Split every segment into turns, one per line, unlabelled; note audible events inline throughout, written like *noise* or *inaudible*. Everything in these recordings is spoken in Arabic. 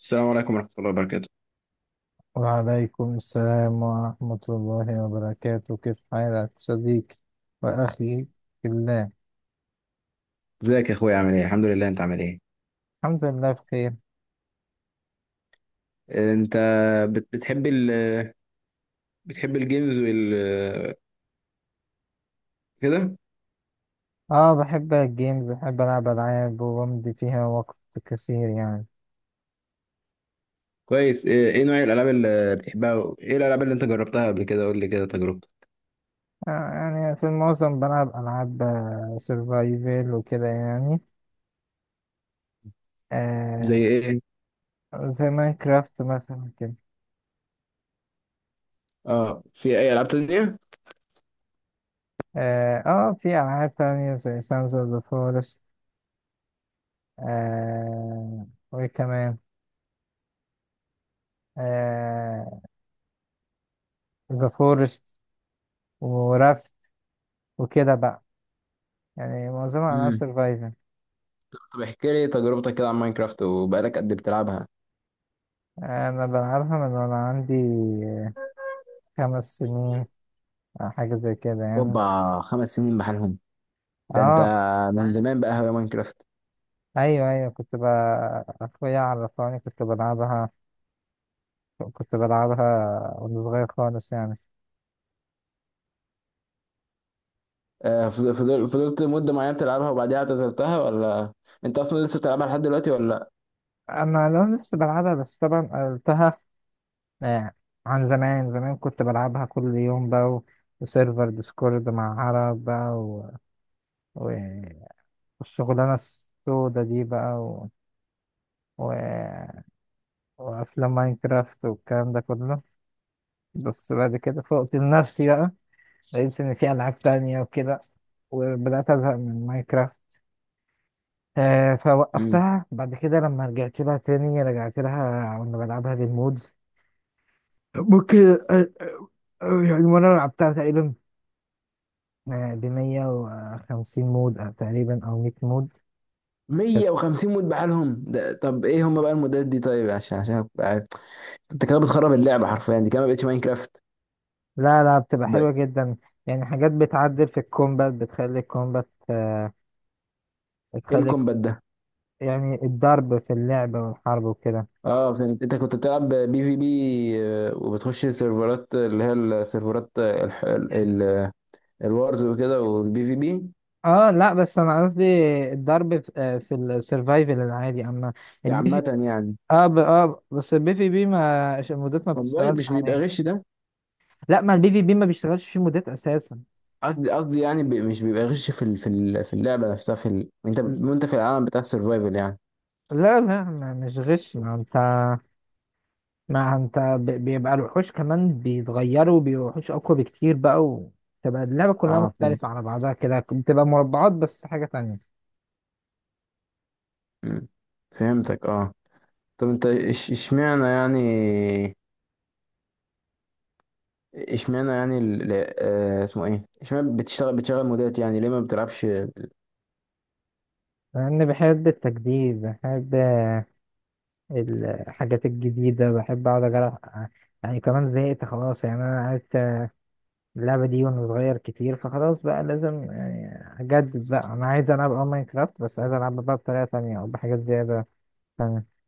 السلام عليكم ورحمة الله وبركاته.
وعليكم السلام ورحمة الله وبركاته. كيف حالك صديقي وأخي في الله؟
ازيك يا اخويا، عامل ايه؟ الحمد لله. انت عامل ايه؟
الحمد لله بخير.
انت بتحب بتحب الجيمز كده؟
اه، بحب الجيمز، بحب ألعب ألعاب وبمضي فيها وقت كثير يعني.
كويس. ايه نوع الالعاب اللي بتحبها؟ ايه الالعاب اللي انت جربتها قبل كده؟ قول لي كده تجربتك.
يعني في المعظم بلعب ألعاب سرفايفل وكده يعني.
زي
آه
ايه؟
زي ماينكرافت مثلا كده.
اه، في اي العاب تانية؟
اه، في ألعاب تانية زي سانز أوف ذا فورست. وكمان آه ذا فورست، ورفت، وكده بقى. يعني معظمها ألعاب
امم
سرفايفل.
طب احكي لي تجربتك كده عن ماينكرافت، وبقالك قد إيه بتلعبها؟
أنا بلعبها من وأنا عندي آه، 5 سنين أو حاجة زي كده يعني.
اوبا، 5 سنين بحالهم؟ ده انت
اه،
من زمان بقى هواية ماينكرافت.
أيوه، أيوه، أخويا عرفاني كنت بلعبها وأنا صغير خالص يعني.
فضلت مدة معينة بتلعبها وبعديها اعتزلتها، ولا انت اصلا لسه بتلعبها لحد دلوقتي ولا؟
أنا لو لسه بلعبها بس طبعا قلتها. آه، عن زمان زمان كنت بلعبها كل يوم بقى وسيرفر ديسكورد مع عرب بقى و... والشغلانة السودة دي بقى و... وافلام ماينكرافت والكلام ده كله. بس بعد كده فوقت لنفسي بقى، لقيت ان في العاب تانية وكده، وبدات ازهق من ماينكرافت.
لا،
فوقفتها بعد كده. لما رجعت لها تاني رجعت لها وانا بلعبها بالمودز. ممكن. آه، آه، يعني وانا لعبتها تقريبا ب 150 مود أو تقريبا او 100 مود كانت.
150 مود بحالهم؟ ده طب ايه هم بقى المودات دي؟ طيب، عشان أبقى عارف. انت كده بتخرب اللعبه حرفيا، دي كده ما بقتش ماينكرافت.
لا، لا، بتبقى
ب...
حلوة جدا. يعني حاجات بتعدل في الكومبات، بتخلي الكومبات آه،
ايه
بتخلي
الكومبات ده؟
يعني الضرب في اللعب والحرب وكده.
اه فهمت، انت كنت بتلعب بي في بي، وبتخش سيرفرات، اللي هي السيرفرات، ال... الوارز وكده والبي في بي،
اه، لا، بس انا قصدي الضرب في السرفايفل العادي، اما البي في
عامه يعني.
اه ب... اه بس البي في بي ما المودات ما
طب مش
بتشتغلش
مش بيبقى
عليه.
غش ده؟
لا، ما البي في بي ما بيشتغلش فيه مودات اساسا.
قصدي يعني مش بيبقى غش في اللعبه نفسها، انت وانت في العالم بتاع السرفايفل يعني.
لا، لا، ما مش غش. ما انت بيبقى الوحوش كمان بيتغيروا، بيبقوا وحوش اقوى بكتير بقى، وتبقى اللعبة كلها
اه فهمت.
مختلفة على بعضها كده، بتبقى مربعات بس حاجة تانية.
مم. فهمتك اه. طب انت اشمعنى يعني؟ اشمعنى يعني اسمه ايه، اشمعنى بتشتغل بتشغل مودات يعني، ليه ما بتلعبش
لأني بحب التجديد، بحب الحاجات الجديدة، بحب أقعد أجرب يعني. كمان زهقت خلاص يعني. أنا عرفت اللعبة دي وأنا صغير كتير، فخلاص بقى لازم يعني أجدد بقى. أنا عايز ألعب ماينكرافت بس عايز ألعبها بقى بطريقة تانية أو بحاجات زيادة تانية.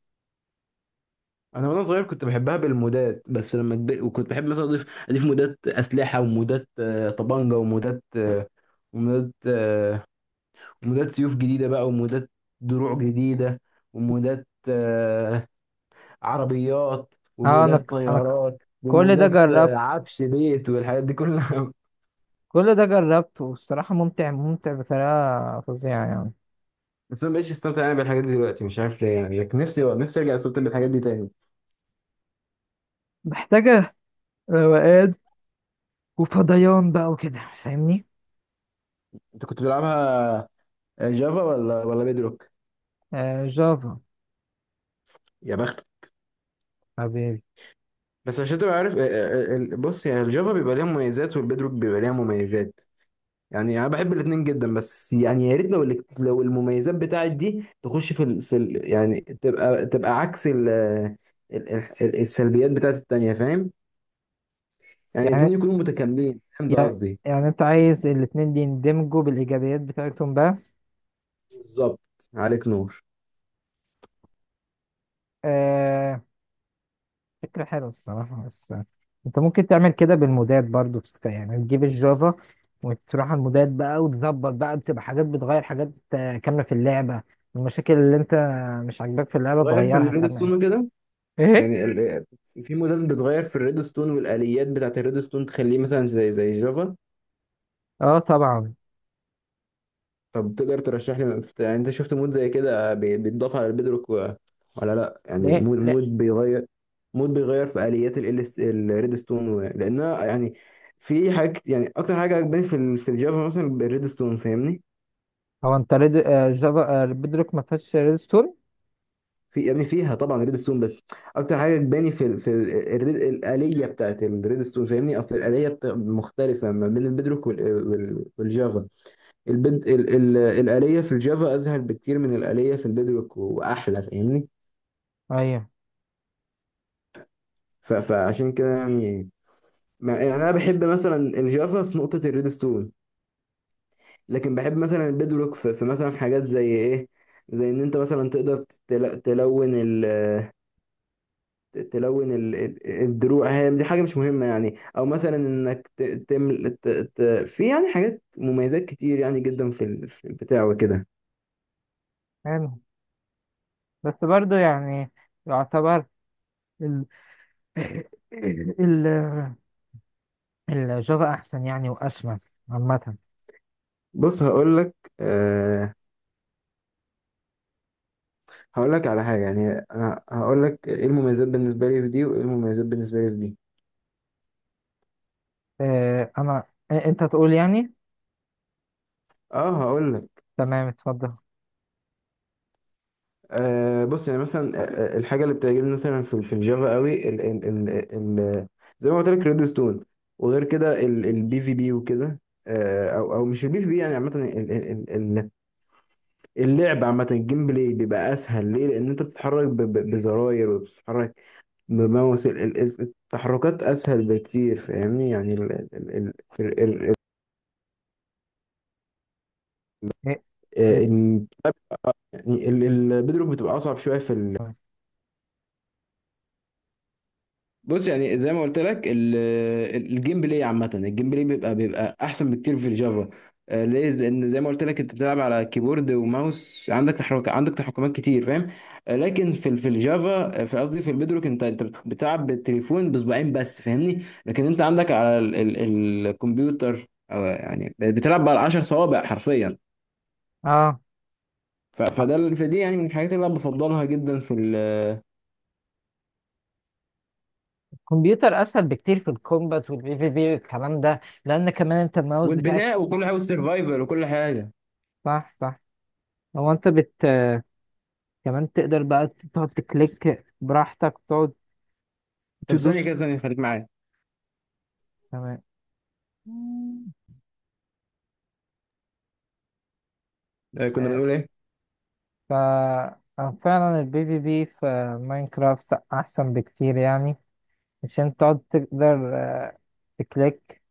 انا وانا صغير كنت بحبها بالمودات، بس لما كبرت وكنت بحب مثلا اضيف مودات اسلحه، ومودات طبانجه، ومودات آه، ومودات سيوف جديده بقى، ومودات دروع جديده، ومودات عربيات،
أه أنا
ومودات
ك- أنا ك-
طيارات،
كل ده
ومودات
جربت
عفش بيت، والحاجات دي كلها. *laughs*
كل ده جربت والصراحة ممتع، ممتع بطريقة فظيعة يعني.
بس انا مبقتش استمتع يعني بالحاجات دي دلوقتي، مش عارف ليه يعني. لكن نفسي، نفسي ارجع استمتع بالحاجات دي تاني.
محتاجة روقان وفضيان بقى وكده، فاهمني؟
انت كنت بتلعبها جافا ولا بيدروك؟
آه، جافا.
يا بختك.
حبيبي.
بس عشان تبقى عارف، بص يعني، الجافا بيبقى ليها مميزات، والبيدروك بيبقى ليها مميزات. يعني انا بحب الاثنين جدا، بس يعني يا ريت لو لو المميزات بتاعت دي تخش يعني تبقى، تبقى عكس ال... السلبيات بتاعت التانية، فاهم؟ يعني الاثنين
يعني
يكونوا متكاملين، فاهم ده
يعني
قصدي؟
يعني انت عايز الاتنين دي يندمجوا بالايجابيات بتاعتهم بس.
بالظبط، عليك نور.
آه فكرة حلوة الصراحة. بس انت ممكن تعمل كده بالمودات برضو، يعني تجيب الجافا وتروح على المودات بقى وتظبط بقى، بتبقى حاجات بتغير حاجات كاملة في اللعبة. المشاكل اللي انت مش عاجباك في اللعبة
تغير في
تغيرها
الريد
كمان.
ستون كده،
ايه؟
يعني في موديل بتغير في الريد ستون والآليات بتاعت الريد ستون، تخليه مثلا زي جافا.
اه، طبعا.
طب تقدر ترشح لي يعني، انت شفت مود زي كده بيتضاف على البيدروك ولا لا، يعني
لا،
مود
لا.
مود بيغير، مود بيغير في آليات الريد ستون لانها يعني في حاجات يعني، اكتر حاجه عجباني في في الجافا مثلا الريد ستون فاهمني.
هو انت ريد آه، جافا، بدروك ما فيهاش ريدستون؟
في يا ابني، فيها طبعا ريد ستون، بس اكتر حاجه عجباني في ال في ال الريد، الآلية بتاعت الريد ستون فاهمني. اصل الآلية مختلفه ما بين البيدروك والجافا. الآلية في الجافا أسهل بكتير من الآلية في البيدروك، وأحلى فاهمني.
ايوه،
فعشان كده يعني، ما... يعني أنا بحب مثلا الجافا في نقطة الريدستون، لكن بحب مثلا البيدروك في، في مثلا حاجات زي إيه، زي إن أنت مثلا تقدر تلون الدروع. هي دي حاجة مش مهمة يعني، أو مثلا إنك ت... تمل... ت... ت... في يعني حاجات مميزات كتير يعني جدا، في في البتاع وكده.
حلو. بس برضو يعني، يعتبر *laughs* ال- الجافا احسن يعني، واسمى عامه.
بص هقول لك، آه، هقول لك على حاجة يعني، هقول لك ايه المميزات بالنسبة لي في دي، وايه المميزات بالنسبة لي في دي.
آه، انا آه، انت تقول يعني.
اه هقول لك.
تمام، اتفضل.
بص يعني مثلا، الحاجة اللي بتعجبني مثلا في في الجافا قوي، ال ال ال ال زي ما قلت لك ريد ستون. وغير كده البي في بي وكده، او مش البي في بي يعني عامة، اللعب عامة، الجيم بلاي بيبقى اسهل. ليه؟ لان انت بتتحرك بزراير، وبتتحرك بماوس. التحركات اسهل بكتير فاهمني. يعني ال-
إيه؟
ال- يعني البيدروك بتبقى اصعب شويه في بص يعني زي ما قلت لك، الجيم بلاي عامة، الجيم بلاي بيبقى أحسن بكتير في الجافا. ليه؟ لأن زي ما قلت لك، أنت بتلعب على كيبورد وماوس، عندك تحرك، عندك تحكمات كتير، فاهم؟ لكن في الجافا، في قصدي في البيدروك، أنت أنت بتلعب بالتليفون بصباعين بس، فاهمني؟ لكن أنت عندك على ال ال الكمبيوتر، أو يعني بتلعب على 10 صوابع حرفيا.
اه،
فده فدي يعني من الحاجات اللي أنا بفضلها جدا في
الكمبيوتر اسهل بكتير في الكومبات والبي في بي والكلام ده، لان كمان انت الماوس بتاعك.
والبناء وكل حاجة، والسرفايفل وكل حاجة.
صح، صح. هو انت كمان تقدر بقى تقعد تكليك براحتك، تقعد
طب ثانية
تدوس.
كده، ثانية خليك معايا.
تمام.
كنا
آه،
بنقول ايه؟
ف آه، فعلا البي في بي في ماينكرافت احسن بكتير يعني، عشان تقعد تقدر تكليك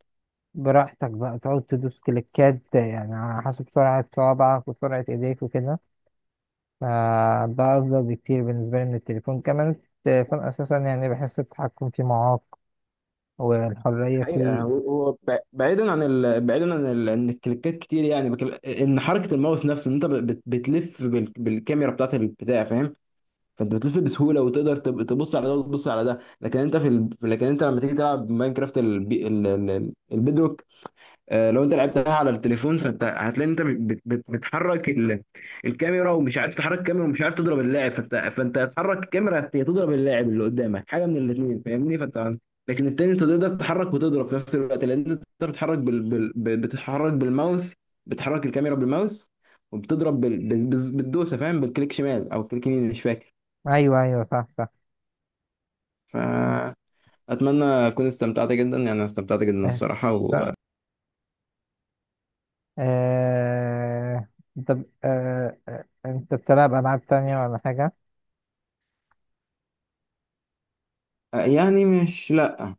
براحتك بقى، تقعد تدوس كليكات يعني على حسب سرعة صوابعك وسرعة ايديك وكده. فده أفضل بكتير بالنسبة لي من التليفون. كمان التليفون أساسا يعني بحس التحكم فيه معاق، والحرية
حقيقة،
فيه.
هو هو بعيدا عن بعيدا عن ان الكليكات كتير يعني، ان حركة الماوس نفسه، ان انت بتلف بالكاميرا بتاعت البتاع فاهم. فانت بتلف بسهولة وتقدر تبص على ده وتبص على ده، لكن انت لكن انت لما تيجي تلعب ماينكرافت البيدروك، لو انت لعبتها على التليفون، فانت هتلاقي انت بتحرك الكاميرا، ومش عارف تحرك الكاميرا ومش عارف تضرب اللاعب، فانت هتحرك الكاميرا يا تضرب اللاعب اللي قدامك، حاجه من الاثنين فاهمني. فانت لكن التاني انت تقدر تتحرك وتضرب في نفس الوقت، لان انت بتتحرك بتتحرك بالماوس، بتحرك الكاميرا بالماوس، وبتضرب بالدوسه فاهم، بالكليك شمال او كليك يمين مش فاكر.
أيوه، أيوه، صح، صح.
فاتمنى اكون استمتعت جدا يعني، أنا استمتعت
*laughs*
جدا
آه،
الصراحه
صح. آه، طب، أنت بتلعب ألعاب تانية ولا حاجة؟
يعني مش لا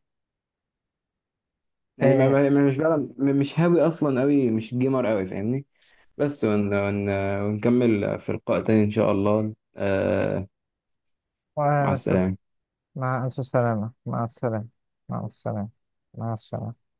يعني،
آه،
مش بلعب مش هاوي اصلا قوي، مش جيمر قوي فاهمني. بس ون ونكمل في لقاء تاني ان شاء الله. آه، مع
وأنا لسه.
السلامة.
مع ألف سلامة. مع السلامة. مع السلامة. مع السلامة.